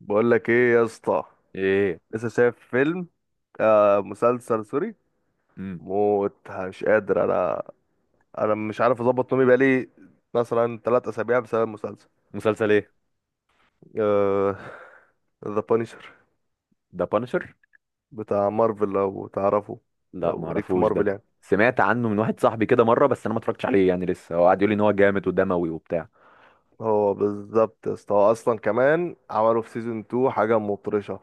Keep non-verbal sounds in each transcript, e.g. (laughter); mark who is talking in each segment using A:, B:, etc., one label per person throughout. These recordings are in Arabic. A: بقول لك ايه يا اسطى.
B: ايه.
A: لسه شايف فيلم؟ آه، مسلسل سوري.
B: امم.
A: موت، مش قادر انا. انا مش عارف اظبط نومي بقالي مثلا 3 اسابيع بسبب المسلسل.
B: مسلسل ايه؟
A: آه. ذا بانشر،
B: ده بانشر.
A: بتاع مارفل لو تعرفه.
B: لا ما
A: لو ليك في
B: اعرفوش ده.
A: مارفل يعني.
B: سمعت عنه من واحد صاحبي كده مره، بس انا ما اتفرجتش عليه يعني، لسه هو قاعد يقول لي ان هو جامد ودموي وبتاع.
A: هو بالظبط يا اسطى، هو اصلا كمان عملوا في سيزون 2 حاجه مطرشه.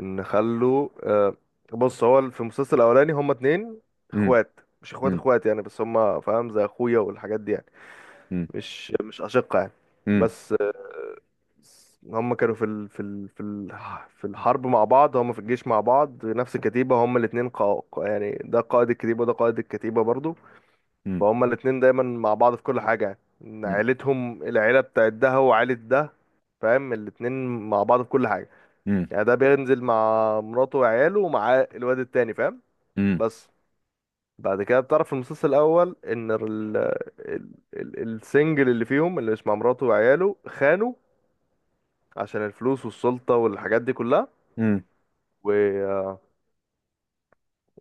A: ان خلوا آه بص، هو في المسلسل الاولاني هما اتنين
B: امم.
A: اخوات، مش اخوات
B: امم.
A: اخوات يعني، بس هما فاهم زي اخويا والحاجات دي يعني.
B: امم.
A: مش أشقة يعني.
B: امم.
A: بس بس هم كانوا في الحرب مع بعض، هم في الجيش مع بعض، نفس الكتيبة. هم الاتنين يعني ده قائد الكتيبة وده قائد الكتيبة برضو.
B: امم.
A: فهم الاتنين دايما مع بعض في كل حاجة، يعني إن عيلتهم، العيلة بتاعت ده وعيلة ده، فاهم، الاتنين مع بعض في كل حاجة.
B: امم.
A: يعني ده بينزل مع مراته وعياله ومع الواد التاني، فاهم.
B: امم.
A: بس بعد كده بتعرف في المسلسل الأول إن السنجل اللي فيهم، اللي مش مع مراته وعياله، خانوا عشان الفلوس والسلطة والحاجات دي كلها.
B: امم.
A: و...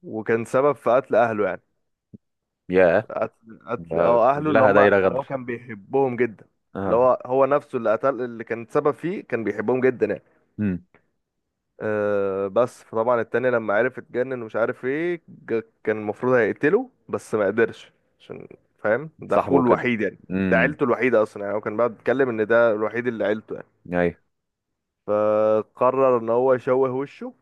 A: وكان سبب في قتل أهله يعني.
B: يا،
A: قتل قتل
B: ده
A: اه أهله، اللي
B: كلها
A: هم
B: دايره
A: اللي هو
B: غدر.
A: كان بيحبهم جدا. اللي
B: اه.
A: هو نفسه اللي قتل، اللي كان سبب فيه كان بيحبهم جدا يعني.
B: امم.
A: بس فطبعا التاني لما عرف اتجنن ومش عارف ايه، كان المفروض هيقتله بس ما قدرش، عشان فاهم ده أخوه
B: صاحبه كده.
A: الوحيد يعني، ده
B: امم.
A: عيلته الوحيدة أصلا. يعني هو كان بقى بيتكلم إن ده الوحيد اللي عيلته يعني.
B: ايوه.
A: فقرر إن هو يشوه وشه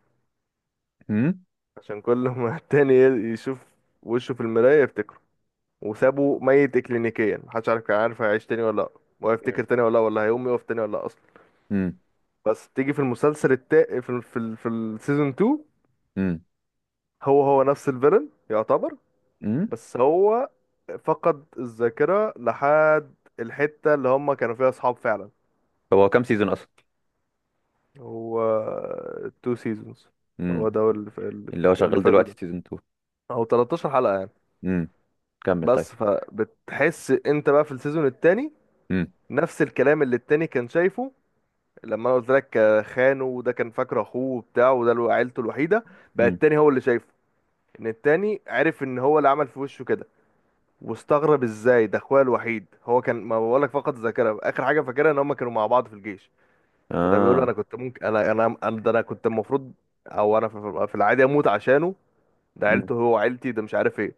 B: امم.
A: عشان كل (laughs) ما التاني يشوف وشه في المراية يفتكره. وسابه ميت اكلينيكيا، محدش عارف، كان عارف هيعيش تاني ولا لا، وهيفتكر تاني ولا لا، ولا هيقوم يقف تاني ولا لا اصلا.
B: امم.
A: بس تيجي في المسلسل في في السيزون 2،
B: امم.
A: هو نفس الفيلن يعتبر،
B: امم.
A: بس هو فقد الذاكرة لحد الحتة اللي هم كانوا فيها اصحاب فعلا.
B: هو كام سيزون اصلا؟
A: هو تو سيزونز. هو
B: امم.
A: ده اللي
B: اللي هو شغال
A: فاتوا
B: دلوقتي
A: ده،
B: سيزون 2.
A: او 13 حلقة يعني.
B: امم. كمل، طيب.
A: بس فبتحس انت بقى في السيزون التاني
B: امم.
A: نفس الكلام اللي التاني كان شايفه. لما انا قلت لك خانه وده كان فاكر اخوه وبتاع، وده عيلته الوحيده، بقى
B: امم.
A: التاني هو اللي شايفه. ان التاني عرف ان هو اللي عمل في وشه كده، واستغرب ازاي ده اخويا الوحيد. هو كان، ما بقولك، فقد الذاكره، اخر حاجه فاكرها ان هم كانوا مع بعض في الجيش. فده بيقول له انا
B: اه.
A: كنت ممكن ده انا كنت المفروض، او انا في العادي اموت عشانه، ده
B: امم.
A: عيلته، هو عيلتي، ده مش عارف ايه.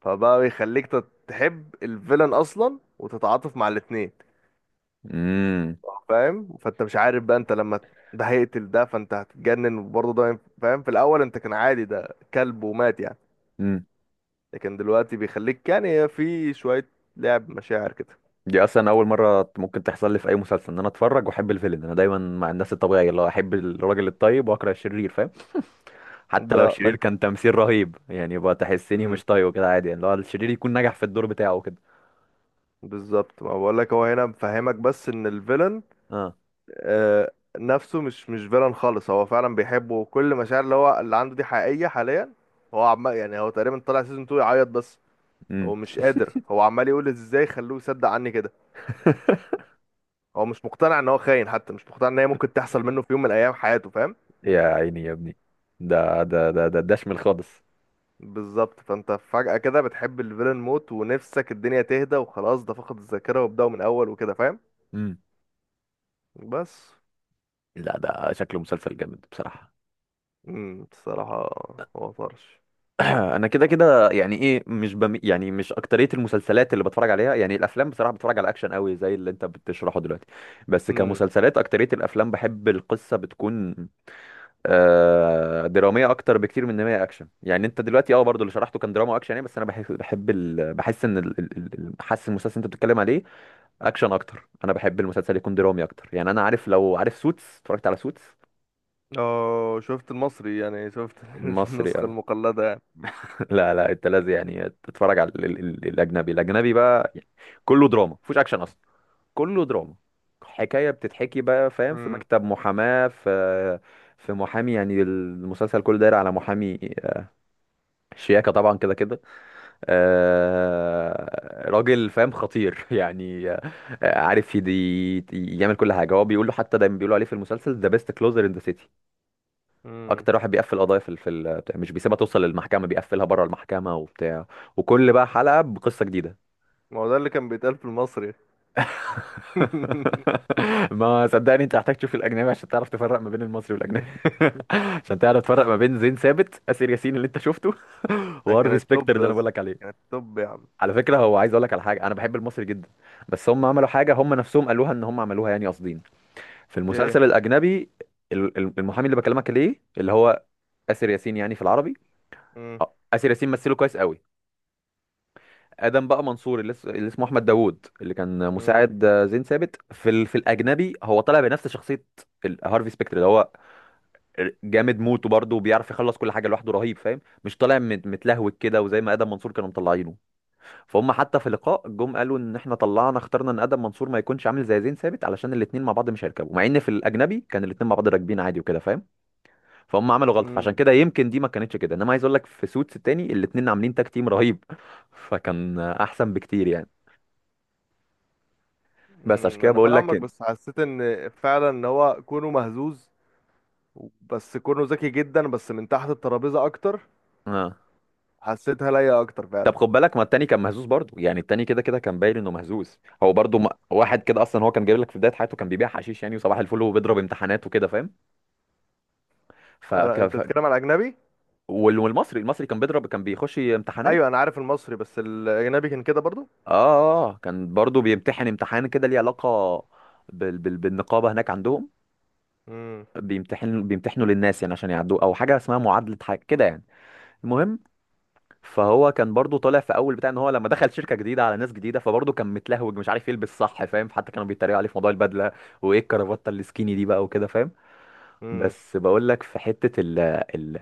A: فبقى يخليك تحب الفيلن اصلا وتتعاطف مع الاتنين،
B: امم.
A: فاهم. فانت مش عارف بقى، انت لما ده هيقتل ده، فانت هتتجنن. وبرضه ده فاهم، في الاول انت كان عادي، ده كلب ومات يعني،
B: امم.
A: لكن دلوقتي بيخليك يعني في شوية لعب مشاعر كده.
B: دي اصلا اول مره ممكن تحصل لي في اي مسلسل ان انا اتفرج واحب الفيلن. انا دايما مع الناس الطبيعيه اللي هو احب الراجل الطيب واكره الشرير، فاهم؟ حتى لو
A: ده ما
B: الشرير
A: انت،
B: كان تمثيل رهيب يعني، يبقى تحسني
A: مم،
B: مش طيب كده عادي، يعني اللي هو الشرير يكون نجح في الدور بتاعه كده.
A: بالظبط، ما بقول لك هو هنا مفهمك بس ان الفيلن
B: اه.
A: آه نفسه مش فيلن خالص، هو فعلا بيحبه، وكل مشاعر اللي هو اللي عنده دي حقيقية حاليا. هو عمال يعني، هو تقريبا طلع سيزون 2 يعيط بس،
B: امم.
A: هو مش قادر، هو عمال يقول ازاي خلوه يصدق عني كده.
B: (laughs)
A: هو مش مقتنع ان هو خاين، حتى مش مقتنع ان هي ممكن تحصل منه في يوم من الايام حياته، فاهم.
B: يا عيني يا ابني، ده شمل خالص.
A: بالظبط، فانت فجأة كده بتحب الفيلن موت، ونفسك الدنيا تهدى وخلاص، ده فقد الذاكرة وابدأوا من اول وكده، فاهم.
B: امم.
A: بس.
B: لا، ده شكله مسلسل جامد بصراحه.
A: بصراحة هو طرش.
B: (clears throat) انا كده كده يعني ايه، مش بم... يعني مش اكتريه المسلسلات اللي بتفرج عليها، يعني الافلام بصراحه، بتفرج على اكشن قوي زي اللي انت بتشرحه دلوقتي. بس
A: امم.
B: كمسلسلات اكتريه الافلام، بحب القصه بتكون دراميه اكتر بكتير من ان هي اكشن. يعني انت دلوقتي برضو اللي شرحته كان دراما اكشن يعني. بس انا بحب بحب ال... بحس ان ال... ال- ال- حاسس المسلسل اللي انت بتتكلم عليه اكشن اكتر. انا بحب المسلسل يكون درامي اكتر يعني. انا عارف، لو عارف سوتس اتفرجت على سوتس
A: اه، شفت المصري يعني، شفت (laughs)
B: المصري
A: النسخة
B: آه.
A: المقلدة يعني.
B: لا لا، انت لازم يعني تتفرج على الاجنبي بقى يعني. كله دراما، مفيش اكشن اصلا. كله دراما، حكايه بتتحكي بقى، فاهم؟ في
A: امم.
B: مكتب محاماه، في محامي. يعني المسلسل كله داير على محامي آه، شياكه طبعا كده كده آه، راجل فاهم خطير (laughs) يعني آه، عارف يدي يعمل كل حاجه هو بيقول له. حتى دايما بيقولوا عليه في المسلسل ذا بيست كلوزر ان ذا سيتي.
A: امم.
B: اكتر واحد بيقفل قضايا مش بيسيبها توصل للمحكمه، بيقفلها بره المحكمه وبتاع. وكل بقى حلقه بقصه جديده.
A: ما هو ده اللي كان بيتقال في المصري. (laughs)
B: (laughs) ما صدقني، انت محتاج تشوف الاجنبي عشان تعرف تفرق ما بين المصري والاجنبي. (laughs) عشان تعرف تفرق ما بين زين ثابت اسر ياسين اللي انت شفته، (laughs)
A: ده كان
B: وهارفي سبيكتر
A: التوب
B: اللي انا بقول
A: بس،
B: لك
A: كان
B: عليه.
A: التوب يا عم.
B: على فكره، هو عايز اقول لك على حاجه، انا بحب المصري جدا. بس هم عملوا حاجه، هم نفسهم قالوها ان هم عملوها يعني قاصدين، في
A: ايه.
B: المسلسل الاجنبي. المحامي اللي بكلمك ليه، اللي هو اسر ياسين يعني في العربي.
A: امم.
B: اه، آسر ياسين مثله كويس قوي. آدم بقى منصور اللي اسمه أحمد داوود، اللي كان مساعد آه، زين ثابت في الأجنبي، هو طالع بنفس شخصية هارفي سبيكتر اللي هو جامد موت، وبرضه بيعرف يخلص كل حاجة لوحده رهيب فاهم. مش طالع متلهوج كده، وزي ما آدم منصور كانوا مطلعينه. فهم حتى في اللقاء جم قالوا إن إحنا طلعنا اخترنا إن آدم منصور ما يكونش عامل زي زين ثابت، علشان الاتنين مع بعض مش هيركبوا، مع إن في الأجنبي كان الاتنين مع بعض راكبين عادي وكده فاهم. فهم عملوا غلطه، فعشان
A: امم.
B: كده يمكن دي ما كانتش كده، انما عايز اقول لك في سوتس التاني الاتنين عاملين تاك تيم رهيب. (laughs) فكان احسن بكتير يعني. بس عشان كده
A: انا
B: بقول لك
A: فاهمك، بس حسيت ان فعلا ان هو كونه مهزوز، بس كونه ذكي جدا بس من تحت الترابيزه اكتر،
B: اه.
A: حسيتها ليا اكتر
B: طب
A: فعلا.
B: خد بالك، ما التاني كان مهزوز برضه يعني، التاني كده كده كان باين انه مهزوز، هو برضه ما... واحد كده اصلا. هو كان جايب لك في بدايه حياته كان بيبيع حشيش يعني، وصباح الفل وبيضرب امتحانات وكده فاهم. ف... ك...
A: انت
B: ف...
A: بتتكلم على اجنبي؟
B: وال- والمصري كان بيضرب، كان بيخش امتحانات.
A: ايوه انا عارف المصري، بس الاجنبي كان كده برضو.
B: اه آه، آه، كان برضه بيمتحن امتحان كده ليه علاقه بالنقابه هناك عندهم.
A: امم.
B: بيمتحنوا للناس يعني عشان يعدوا او حاجه اسمها معادله حاجه كده يعني. المهم، فهو كان برضو طالع في اول بتاع ان هو لما دخل شركه جديده على ناس جديده، فبرضه كان متلهوج مش عارف يلبس صح فاهم، حتى كانوا بيتريقوا عليه في موضوع البدله. وايه الكرافته السكيني دي بقى وكده فاهم.
A: امم.
B: بس بقول لك في حته ال ال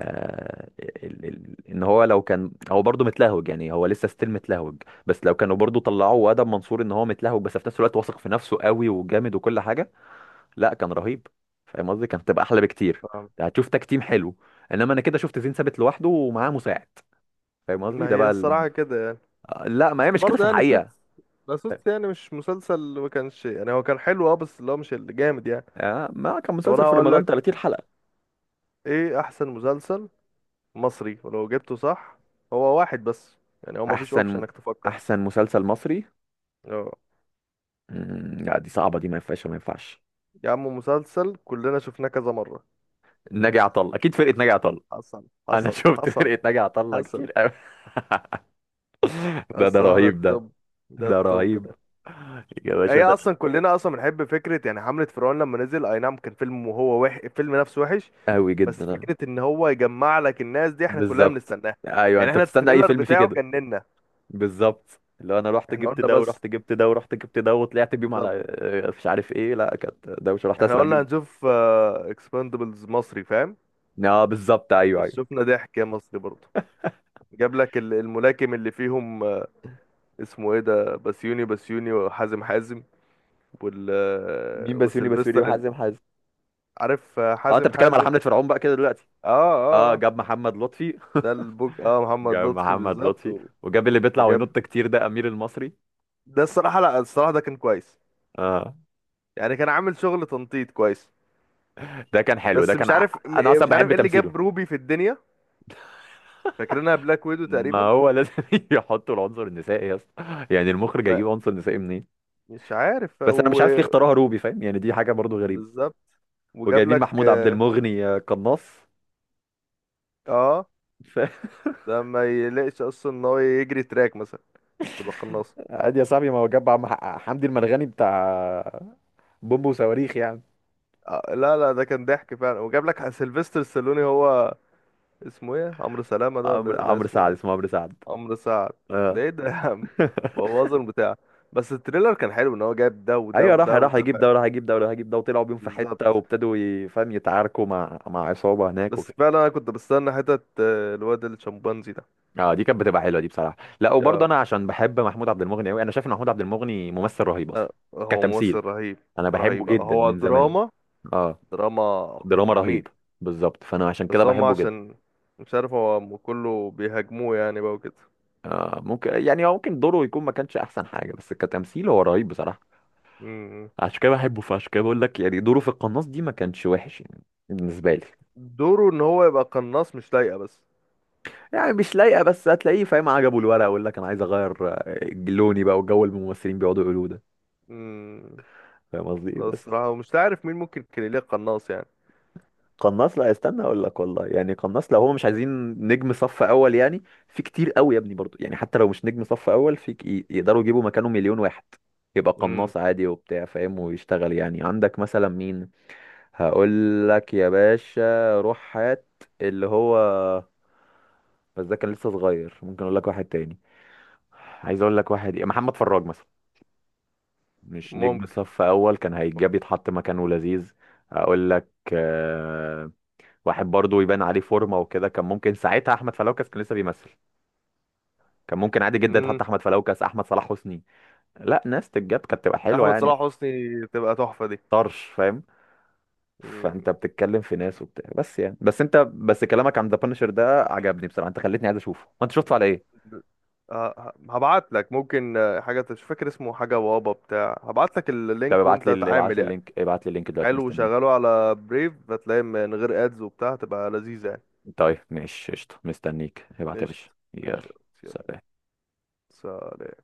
B: ال ال ان هو لو كان هو برضه متلهوج يعني، هو لسه ستيل متلهوج. بس لو كانوا برضه طلعوه وادب منصور ان هو متلهوج بس في نفس الوقت واثق في نفسه قوي وجامد وكل حاجه، لا كان رهيب. فاهم قصدي، كانت هتبقى احلى بكتير.
A: فاهم.
B: يعني هتشوف تكتيم حلو. انما انا كده شفت زين ثابت لوحده ومعاه مساعد. فاهم قصدي،
A: ما
B: ده
A: هي
B: بقى ال...
A: الصراحه كده يعني.
B: لا، ما هي
A: بس
B: مش كده في
A: برضه يعني
B: الحقيقه.
A: سوتس، لا سوتس يعني مش مسلسل ما كانش يعني، هو كان حلو بس اللي هو مش اللي جامد يعني.
B: آه، ما كان
A: طب انا
B: مسلسل في
A: هقول
B: رمضان
A: لك
B: 30 حلقه.
A: ايه احسن مسلسل مصري، ولو جبته صح هو واحد بس، يعني هو مفيش
B: احسن
A: اوبشن انك تفكر.
B: احسن مسلسل مصري؟
A: أه.
B: مم، لا دي صعبه دي، ما ينفعش ما ينفعش.
A: يا عم مسلسل كلنا شفناه كذا مرة.
B: ناجي عطا الله. اكيد فرقه ناجي عطا الله.
A: حصل
B: انا (laughs)
A: حصل
B: شفت
A: حصل.
B: فرقه ناجي عطا الله
A: حصل.
B: كتير قوي. (laughs) ده
A: الصراحة ده
B: رهيب ده.
A: التوب، ده
B: ده
A: التوب
B: رهيب
A: ده.
B: يا باشا
A: هي
B: ده.
A: اصلا كلنا اصلا بنحب فكرة، يعني حملة فرعون لما نزل، اي نعم كان فيلم الفيلم نفسه وحش،
B: قوي
A: بس
B: جدا آه.
A: فكرة ان هو يجمع لك الناس دي احنا كلنا
B: بالظبط.
A: بنستناها.
B: ايوه،
A: يعني
B: انت
A: احنا
B: بتستنى اي
A: التريلر
B: فيلم فيه
A: بتاعه
B: كده.
A: جننا.
B: بالظبط. اللي هو انا رحت
A: احنا
B: جبت
A: قلنا
B: ده
A: بس.
B: ورحت جبت ده ورحت جبت ده وطلعت بيهم على
A: بالظبط.
B: آه، مش عارف ايه. لا، كانت دوشه، رحت
A: احنا
B: اسرع
A: قلنا
B: بيهم.
A: هنشوف اكسباندبلز مصري، فاهم.
B: اه، بالظبط. ايوه،
A: بس
B: ايوه.
A: شفنا ضحك يا مصري برضه، جاب لك الملاكم اللي فيهم، اسمه ايه ده، بسيوني بسيوني وحازم حازم، وال،
B: مين بسيوني بسيوني
A: وسيلفستر
B: وحازم حازم؟
A: عارف
B: اه، انت
A: حازم
B: بتتكلم على
A: حازم.
B: حمله فرعون بقى كده دلوقتي.
A: اه. اه.
B: اه،
A: آه.
B: جاب محمد لطفي.
A: ده البوج، محمد
B: جاب
A: لطفي
B: محمد
A: بالظبط،
B: لطفي، وجاب اللي بيطلع
A: وجاب،
B: وينط كتير ده امير المصري.
A: ده الصراحة، لا الصراحة ده كان كويس،
B: اه،
A: يعني كان عامل شغل تنطيط كويس،
B: ده كان حلو، ده
A: بس
B: كان انا اصلا
A: مش عارف
B: بحب
A: ايه اللي
B: تمثيله.
A: جاب روبي في الدنيا، فاكرينها بلاك ويدو
B: ما
A: تقريبا.
B: هو لازم (laughs) يحطوا العنصر النسائي يا اسطى. يعني المخرج
A: ما
B: هيجيب عنصر نسائي منين؟
A: مش عارف
B: بس انا مش
A: و...
B: عارف ليه اختاروها روبي فاهم، يعني دي حاجه برضو غريبه.
A: بالظبط، وجاب
B: وجايبين
A: لك
B: محمود عبد المغني آه، قناص.
A: آه،
B: ف- (laughs)
A: ده ما يلاقيش اصلا ان هو يجري تراك مثلا تبقى قناص؟
B: عادي يا صاحبي، ما هو جاب حمدي المرغني بتاع بومب وصواريخ يعني.
A: آه لا لا، ده كان ضحك فعلا. وجاب لك سيلفستر ستالوني، هو اسمه ايه، عمرو سلامة ده، ولا لا
B: عمرو
A: اسمه
B: سعد.
A: ايه،
B: اسمه عمرو سعد.
A: عمرو سعد.
B: اه
A: ده ايه ده يا عم،
B: (laughs)
A: بوظ البتاع. بس التريلر كان حلو ان هو جايب ده وده
B: ايوه،
A: وده
B: راح
A: وده
B: يجيب
A: فعلا.
B: ده وراح يجيب ده وراح يجيب ده، وطلعوا بيهم في
A: بالظبط.
B: حته وابتدوا فاهم يتعاركوا مع عصابه هناك
A: بس
B: وكده.
A: فعلا انا كنت بستنى حتة الواد الشمبانزي ده.
B: اه، دي كانت بتبقى حلوه دي بصراحه. لا وبرضه،
A: يا
B: انا عشان بحب محمود عبد المغني قوي. انا شايف ان محمود عبد المغني ممثل رهيب اصلا
A: آه، هو ممثل
B: كتمثيل.
A: رهيب.
B: انا بحبه
A: رهيب.
B: جدا
A: هو
B: من زمان.
A: دراما،
B: اه،
A: دراما
B: دراما رهيب.
A: مميت.
B: بالظبط، فانا عشان كده
A: بس هم
B: بحبه جدا.
A: عشان مش عارف هو كله بيهاجموه يعني بقى وكده.
B: آه ممكن، يعني هو ممكن دوره يكون ما كانش احسن حاجه، بس كتمثيل هو رهيب بصراحه.
A: مم.
B: عشان كده بحبه، فعشان كده بقول لك يعني دوره في القناص دي ما كانش وحش يعني بالنسبه لي.
A: دوره ان هو يبقى قناص مش لايقة بس.
B: يعني مش لايقه بس، هتلاقيه فاهم عجبه الورق، ويقول لك انا عايز اغير آه، لوني بقى، والجو اللي الممثلين بيقعدوا يقولوه ده.
A: مم.
B: فاهم قصدي إيه؟ بس.
A: الصراحة مش عارف مين ممكن كان ليه قناص يعني.
B: قناص، لا استنى اقول لك والله. يعني قناص، لو هو مش عايزين نجم صف اول، يعني في كتير قوي يا ابني برضو. يعني حتى لو مش نجم صف اول يقدروا يجيبوا مكانه مليون واحد، يبقى
A: امم،
B: قناص عادي وبتاع فاهم ويشتغل. يعني عندك مثلا مين؟ هقول لك يا باشا، روح هات اللي هو، بس ده كان لسه صغير. ممكن اقول لك واحد تاني. عايز اقول لك واحد إيه، محمد فراج مثلا. مش نجم
A: ممكن.
B: صف اول، كان هيتجاب يتحط مكانه لذيذ. اقول لك آه، واحد برضو يبان عليه فورمه وكده. كان ممكن ساعتها احمد فلوكس كان لسه بيمثل. كان ممكن عادي جدا
A: امم.
B: يتحط احمد فلوكس، احمد صلاح حسني. لا، ناس تتجاب كانت تبقى حلوه
A: احمد
B: يعني
A: صلاح حسني تبقى تحفه دي.
B: طرش فاهم.
A: مم.
B: فانت بتتكلم في ناس وبتاع بس يعني، بس كلامك عن ذا بانشر ده عجبني بصراحه، انت خلتني عايز اشوفه. وانت شفته على ايه؟
A: هبعت لك ممكن حاجه مش فاكر اسمه، حاجه بابا بتاع، هبعت لك
B: طب
A: اللينك
B: ابعت
A: وانت
B: لي، ابعت
A: تعامل
B: لي
A: يعني.
B: اللينك، ابعت لي اللينك دلوقتي،
A: حلو،
B: مستنيه.
A: وشغله على بريف هتلاقي من غير ادز وبتاع، هتبقى لذيذه يعني.
B: طيب ماشي قشطه، مستنيك ابعت يا
A: قشطه.
B: باشا، يلا.
A: ماشي. يلا.
B: سلام.
A: سلام.